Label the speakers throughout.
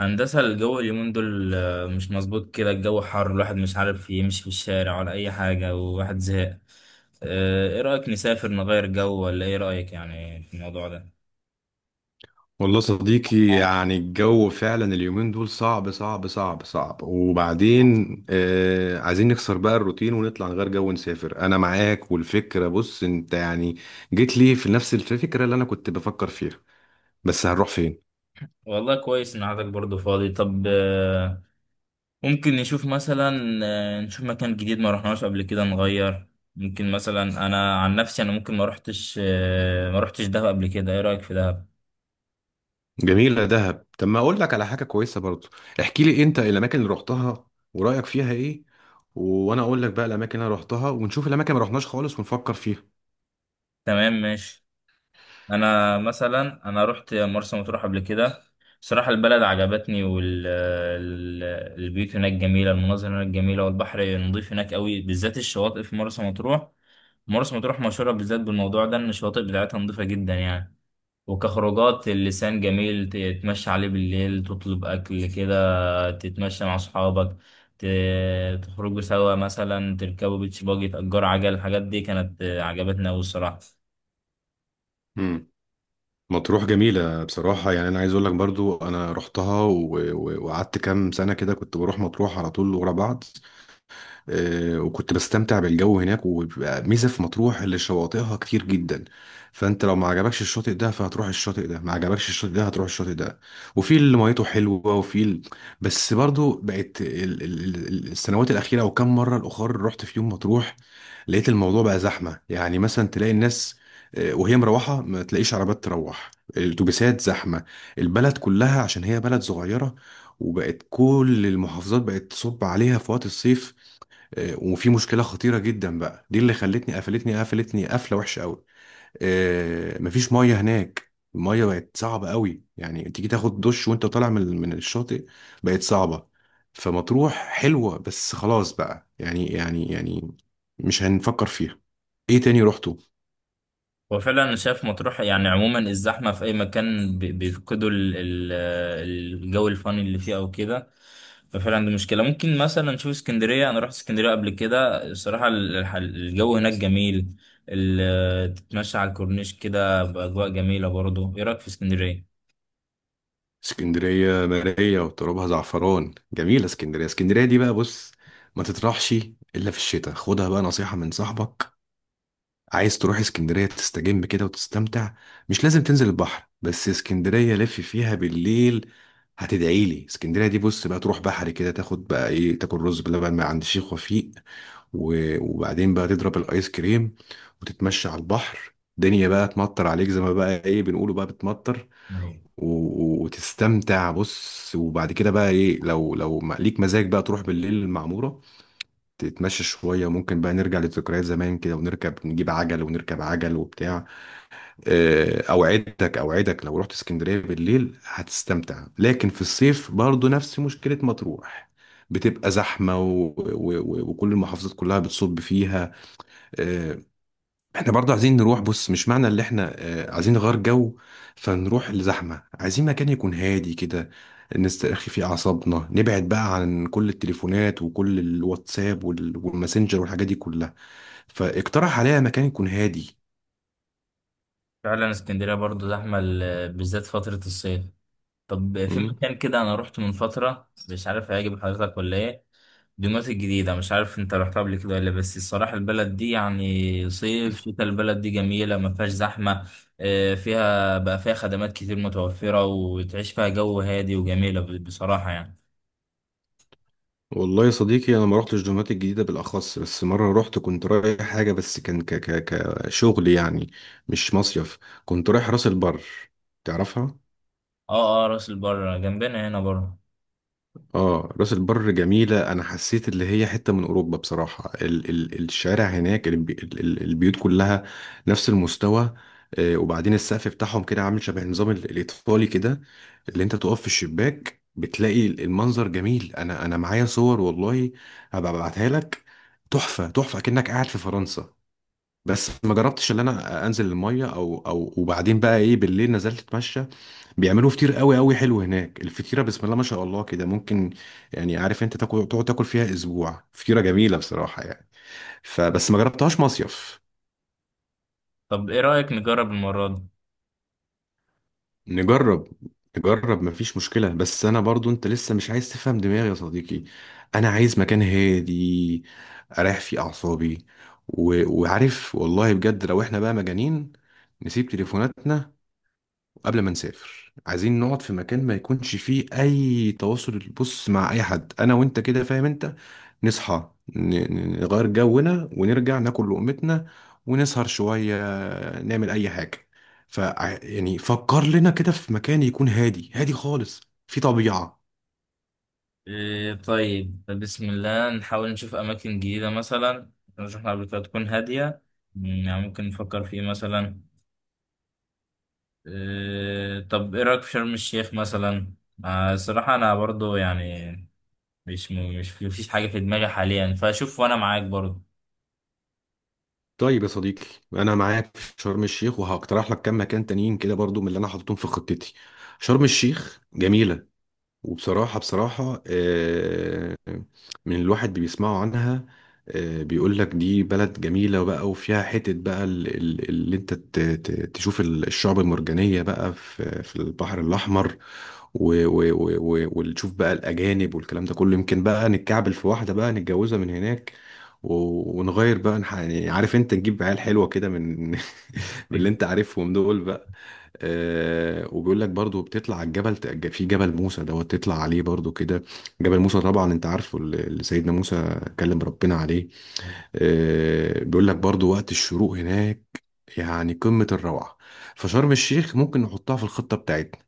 Speaker 1: هندسة، الجو اليومين دول مش مظبوط كده. الجو حر، الواحد مش عارف يمشي في الشارع ولا أي حاجة، وواحد زهق. إيه رأيك نسافر نغير جو؟ ولا إيه رأيك يعني في الموضوع ده؟
Speaker 2: والله صديقي، يعني الجو فعلا اليومين دول صعب صعب صعب صعب. وبعدين عايزين نكسر بقى الروتين ونطلع نغير جو ونسافر، انا معاك. والفكرة بص انت يعني جيت لي في نفس الفكرة اللي انا كنت بفكر فيها. بس هنروح فين؟
Speaker 1: والله كويس إن عندك برضه فاضي. طب، ممكن نشوف مثلا، نشوف مكان جديد ما رحناش قبل كده نغير. ممكن مثلا، أنا عن نفسي أنا ممكن ما رحتش، ما رحتش دهب قبل كده. إيه رأيك في دهب؟
Speaker 2: جميلة دهب. طب ما اقول لك على حاجة كويسة برضو، احكي لي انت الاماكن اللي رحتها ورأيك فيها ايه، وانا اقول لك بقى الاماكن اللي أنا رحتها، ونشوف الاماكن اللي ما رحناش خالص ونفكر فيها.
Speaker 1: تمام، ماشي. انا مثلا رحت مرسى مطروح قبل كده. بصراحه البلد عجبتني، والبيوت هناك جميله، المناظر هناك جميله، والبحر نظيف هناك قوي، بالذات الشواطئ في مرسى مطروح. مرسى مطروح مشهوره بالذات بالموضوع ده، ان الشواطئ بتاعتها نظيفه جدا يعني. وكخروجات اللسان جميل، تتمشى عليه بالليل، تطلب اكل كده، تتمشى مع اصحابك، تخرجوا سوا، مثلا تركبوا بيتش باجي، تأجروا عجل. الحاجات دي كانت عجبتنا قوي الصراحه.
Speaker 2: مطروح جميلة بصراحة، يعني أنا عايز أقول لك برضو أنا رحتها وقعدت كام سنة كده كنت بروح مطروح على طول ورا بعض. وكنت بستمتع بالجو هناك، وبيبقى ميزة في مطروح اللي شواطئها كتير جدا. فانت لو ما عجبكش الشاطئ ده فهتروح الشاطئ ده، ما عجبكش الشاطئ ده هتروح الشاطئ ده. وفي اللي ميته حلوة بس برضو بقت السنوات الأخيرة، أو كم مرة الأخر رحت في يوم مطروح لقيت الموضوع بقى زحمة. يعني مثلا تلاقي الناس، وهي مروحة ما تلاقيش عربات تروح، الأتوبيسات زحمة، البلد كلها عشان هي بلد صغيرة. وبقت كل المحافظات بقت تصب عليها في وقت الصيف. وفي مشكله خطيره جدا بقى دي اللي خلتني قفلتني قفله وحشه قوي. مفيش ميه هناك، الميه بقت صعبه قوي. يعني تيجي تاخد دش وانت طالع من الشاطئ، بقت صعبه. فمطروح حلوه بس خلاص بقى، يعني مش هنفكر فيها. ايه تاني رحته؟
Speaker 1: هو فعلا انا شايف مطروح يعني عموما الزحمه في اي مكان بيفقدوا الجو الفاني اللي فيه او كده. ففعلا دي مشكله. ممكن مثلا نشوف اسكندريه، انا رحت اسكندريه قبل كده. الصراحه الجو هناك جميل، تتمشى على الكورنيش كده باجواء جميله برضه. ايه رايك في اسكندريه؟
Speaker 2: اسكندريه مرايه وترابها زعفران، جميله اسكندريه دي بقى بص، ما تطرحش الا في الشتاء، خدها بقى نصيحه من صاحبك. عايز تروح اسكندرية تستجم كده وتستمتع، مش لازم تنزل البحر، بس اسكندرية لف فيها بالليل هتدعي لي. اسكندرية دي بص بقى تروح بحري كده، تاخد بقى ايه، تاكل رز بلبن من عند الشيخ وفيق، وبعدين بقى تضرب الايس كريم، وتتمشى على البحر. الدنيا بقى تمطر عليك زي ما بقى ايه بنقوله، بقى بتمطر.
Speaker 1: أيوة.
Speaker 2: وتستمتع بص. وبعد كده بقى ايه، لو ليك مزاج بقى تروح بالليل المعمورة، تتمشى شوية. ممكن بقى نرجع لذكريات زمان كده، ونركب نجيب عجل ونركب عجل وبتاع. أوعدك أوعدك لو رحت اسكندرية بالليل هتستمتع، لكن في الصيف برضو نفس مشكلة مطروح، بتبقى زحمة وكل المحافظات كلها بتصب فيها. آه، احنا برضه عايزين نروح بص، مش معنى اللي احنا عايزين نغير جو فنروح لزحمة. عايزين مكان يكون هادي كده، نسترخي فيه أعصابنا، نبعد بقى عن كل التليفونات وكل الواتساب والماسنجر والحاجات دي كلها. فاقترح عليا مكان يكون هادي.
Speaker 1: فعلا اسكندريه برضه زحمه بالذات فتره الصيف. طب في
Speaker 2: مم.
Speaker 1: مكان كده انا رحت من فتره، مش عارف هيعجب حضرتك ولا ايه. دمياط الجديدة، مش عارف انت رحتها قبل كده ولا، بس الصراحة البلد دي يعني صيف شتاء البلد دي جميلة، ما فيهاش زحمة. اه، فيها بقى، فيها خدمات كتير متوفرة، وتعيش فيها جو هادي وجميلة بصراحة يعني.
Speaker 2: والله يا صديقي انا ما رحتش دمياط الجديده بالاخص، بس مره رحت كنت رايح حاجه، بس كان ك ك كشغل يعني، مش مصيف. كنت رايح راس البر، تعرفها.
Speaker 1: اه اه، راس البر جنبنا هنا بره.
Speaker 2: اه، راس البر جميلة. انا حسيت اللي هي حتة من اوروبا بصراحة. ال ال الشارع هناك، البيوت كلها نفس المستوى. وبعدين السقف بتاعهم كده عامل شبه النظام الايطالي كده، اللي انت تقف في الشباك بتلاقي المنظر جميل. انا معايا صور والله، هبقى ابعتها لك. تحفة تحفة كأنك قاعد في فرنسا. بس ما جربتش ان انا انزل المية، او وبعدين بقى ايه بالليل نزلت اتمشى. بيعملوا فطير قوي قوي حلو هناك. الفطيره بسم الله ما شاء الله كده، ممكن يعني عارف انت تاكل تقعد تاكل فيها اسبوع، فطيره جميله بصراحه يعني. فبس ما جربتهاش مصيف.
Speaker 1: طب ايه رأيك نجرب المرة دي؟
Speaker 2: نجرب. نجرب، مفيش مشكله. بس انا برضو، انت لسه مش عايز تفهم دماغي يا صديقي. انا عايز مكان هادي اريح فيه اعصابي، وعارف والله بجد لو احنا بقى مجانين نسيب تليفوناتنا قبل ما نسافر. عايزين نقعد في مكان ما يكونش فيه اي تواصل بص مع اي حد، انا وانت كده فاهم انت، نصحى نغير جونا ونرجع ناكل لقمتنا، ونسهر شوية، نعمل اي حاجة. ف يعني فكر لنا كده في مكان يكون هادي هادي خالص، في طبيعة.
Speaker 1: اه، طيب بسم الله، نحاول نشوف أماكن جديدة مثلا رحنا قبل كده، تكون هادية. مم، يعني ممكن نفكر في ايه مثلا؟ إيه، طب ايه رايك في شرم الشيخ مثلا؟ الصراحه انا برضو يعني، مش مفيش حاجه في دماغي حاليا، فشوف وانا معاك برضو.
Speaker 2: طيب يا صديقي، انا معاك في شرم الشيخ، وهقترح لك كام مكان تانيين كده برضو من اللي انا حاططهم في خطتي. شرم الشيخ جميلة، وبصراحة بصراحة من الواحد بيسمعوا عنها. بيقول لك دي بلد جميلة بقى، وفيها حتة بقى اللي انت تشوف الشعب المرجانية بقى في البحر الأحمر. وتشوف بقى الأجانب والكلام ده كله، يمكن بقى نتكعبل في واحدة بقى نتجوزها من هناك، ونغير بقى، يعني عارف انت، نجيب عيال حلوة كده من من اللي
Speaker 1: إيه؟
Speaker 2: انت عارفهم دول. وبيقول لك برضو بتطلع على الجبل، في جبل موسى دوت تطلع عليه برضو كده. جبل موسى طبعا انت عارفه، اللي سيدنا موسى كلم ربنا عليه. بيقول لك برضو وقت الشروق هناك يعني قمة الروعة. فشرم الشيخ ممكن نحطها في الخطة بتاعتنا.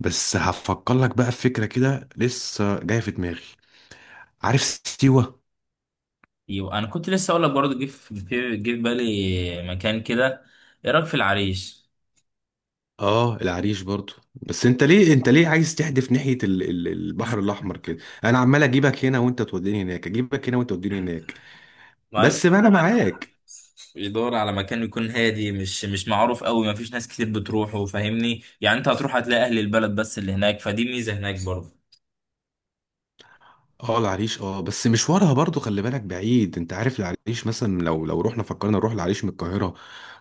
Speaker 2: بس هفكر لك بقى في فكرة كده لسه جاية في دماغي. عارف سيوة؟
Speaker 1: ايوه، انا كنت لسه اقول لك برضه، جه في جه في بالي مكان كده. ايه رايك في العريش؟
Speaker 2: اه، العريش برضو. بس انت ليه عايز تحدف ناحية البحر الاحمر كده؟ انا عمال اجيبك هنا وانت توديني هناك، اجيبك هنا وانت توديني هناك.
Speaker 1: مع الفكره.
Speaker 2: بس ما انا
Speaker 1: الواحد
Speaker 2: معاك.
Speaker 1: يدور على مكان يكون هادي، مش معروف قوي، ما فيش ناس كتير بتروحه. فاهمني يعني، انت هتروح هتلاقي اهل البلد بس اللي هناك، فدي ميزه هناك برضه.
Speaker 2: اه العريش، اه بس مشوارها برضو خلي بالك بعيد. انت عارف العريش مثلا، لو رحنا فكرنا نروح العريش من القاهرة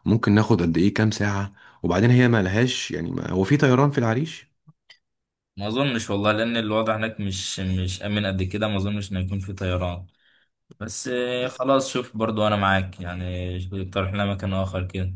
Speaker 2: ممكن ناخد قد ايه كام ساعة؟ وبعدين هي ما لهاش، يعني ما هو في طيران في العريش؟
Speaker 1: ما اظنش والله، لان الوضع هناك مش امن قد كده، ما اظنش ان يكون في طيران. بس خلاص شوف برضو، انا معاك يعني. اقترح لنا مكان اخر كده.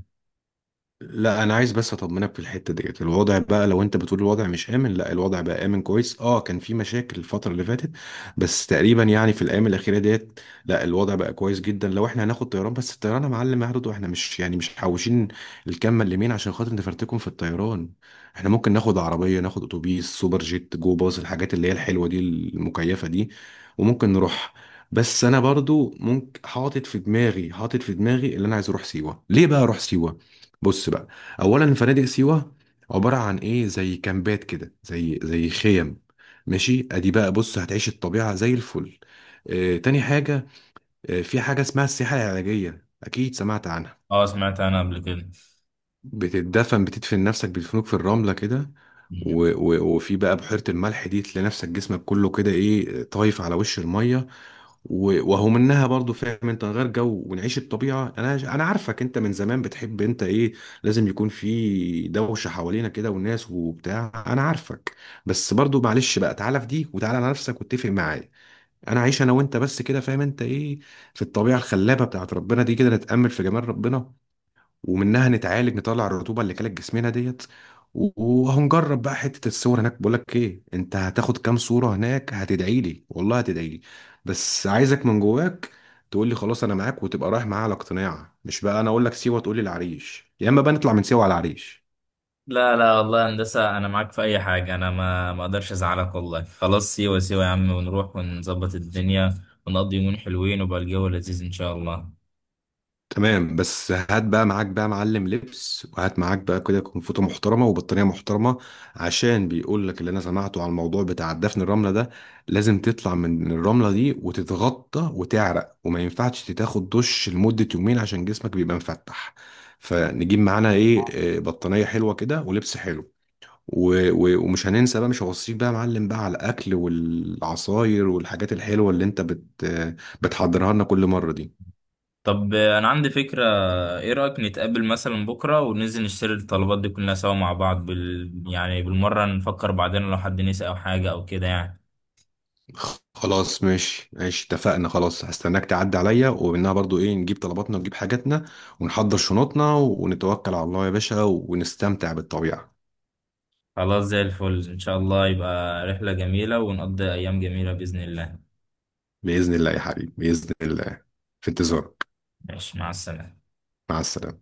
Speaker 2: لا، انا عايز بس اطمنك في الحته ديت، الوضع بقى لو انت بتقول الوضع مش امن، لا الوضع بقى امن كويس. اه، كان في مشاكل الفتره اللي فاتت، بس تقريبا يعني في الايام الاخيره ديت لا الوضع بقى كويس جدا. لو احنا هناخد طيران، بس الطيران يا معلم هياخد، واحنا مش يعني مش محوشين الكام مليمين عشان خاطر نفرتكم في الطيران. احنا ممكن ناخد عربيه، ناخد اتوبيس سوبر جيت، جو باص، الحاجات اللي هي الحلوه دي المكيفه دي، وممكن نروح. بس انا برضو ممكن حاطط في دماغي اللي انا عايز اروح سيوه. ليه بقى اروح سيوه؟ بص بقى، اولا فنادق سيوه عباره عن ايه، زي كامبات كده، زي خيم. ماشي، ادي بقى بص هتعيش الطبيعه زي الفل. تاني حاجه، في حاجه اسمها السياحه العلاجيه، اكيد سمعت عنها.
Speaker 1: اه سمعت انا قبل كده.
Speaker 2: بتدفن نفسك، بيدفنوك في الرملة كده.
Speaker 1: مم.
Speaker 2: وفي بقى بحيرة الملح دي تلاقي نفسك جسمك كله كده ايه طايف على وش المية. وهو منها برضو، فاهم انت، نغير جو ونعيش الطبيعة. انا عارفك انت من زمان بتحب انت ايه، لازم يكون في دوشة حوالينا كده والناس وبتاع، انا عارفك. بس برضو معلش بقى تعالى في دي، وتعالى على نفسك واتفق معايا. انا عايش انا وانت بس كده فاهم انت ايه، في الطبيعة الخلابة بتاعت ربنا دي كده، نتأمل في جمال ربنا. ومنها نتعالج، نطلع الرطوبه اللي كانت جسمنا ديت. وهنجرب بقى حته الصور هناك. بقول لك ايه، انت هتاخد كام صوره هناك هتدعي لي والله، هتدعي لي. بس عايزك من جواك تقول لي خلاص انا معاك، وتبقى رايح معايا على اقتناع، مش بقى انا اقول لك سيوه تقول لي العريش، يا اما بقى نطلع من سيوه على العريش.
Speaker 1: لا لا، والله هندسة انا معاك في اي حاجة، انا ما اقدرش ازعلك والله. خلاص، سيوة سيوة يا عم، ونروح ونظبط الدنيا ونقضي يومين حلوين، وبقى الجو لذيذ ان شاء الله.
Speaker 2: تمام، بس هات بقى معاك بقى معلم لبس، وهات معاك بقى كده كنفوطة محترمة وبطانية محترمة. عشان بيقول لك اللي انا سمعته على الموضوع بتاع دفن الرملة ده، لازم تطلع من الرملة دي وتتغطى وتعرق، وما ينفعش تاخد دش لمدة يومين عشان جسمك بيبقى مفتح. فنجيب معانا ايه، بطانية حلوة كده ولبس حلو، ومش هننسى بقى، مش هوصيك بقى يا معلم بقى على الاكل والعصاير والحاجات الحلوة اللي انت بت آه، بتحضرها لنا كل مرة دي.
Speaker 1: طب انا عندي فكرة. ايه رأيك نتقابل مثلا بكرة وننزل نشتري الطلبات دي كلها سوا مع بعض بال... يعني بالمرة، نفكر بعدين لو حد نسي او حاجة او كده يعني.
Speaker 2: خلاص ماشي ماشي اتفقنا. خلاص هستناك تعدي عليا ومنها برضو ايه، نجيب طلباتنا ونجيب حاجاتنا، ونحضر شنطنا ونتوكل على الله يا باشا ونستمتع بالطبيعة.
Speaker 1: خلاص زي الفل إن شاء الله، يبقى رحلة جميلة ونقضي أيام جميلة بإذن الله.
Speaker 2: بإذن الله يا حبيبي، بإذن الله. في انتظارك.
Speaker 1: ماشي، مع السلامة.
Speaker 2: مع السلامة.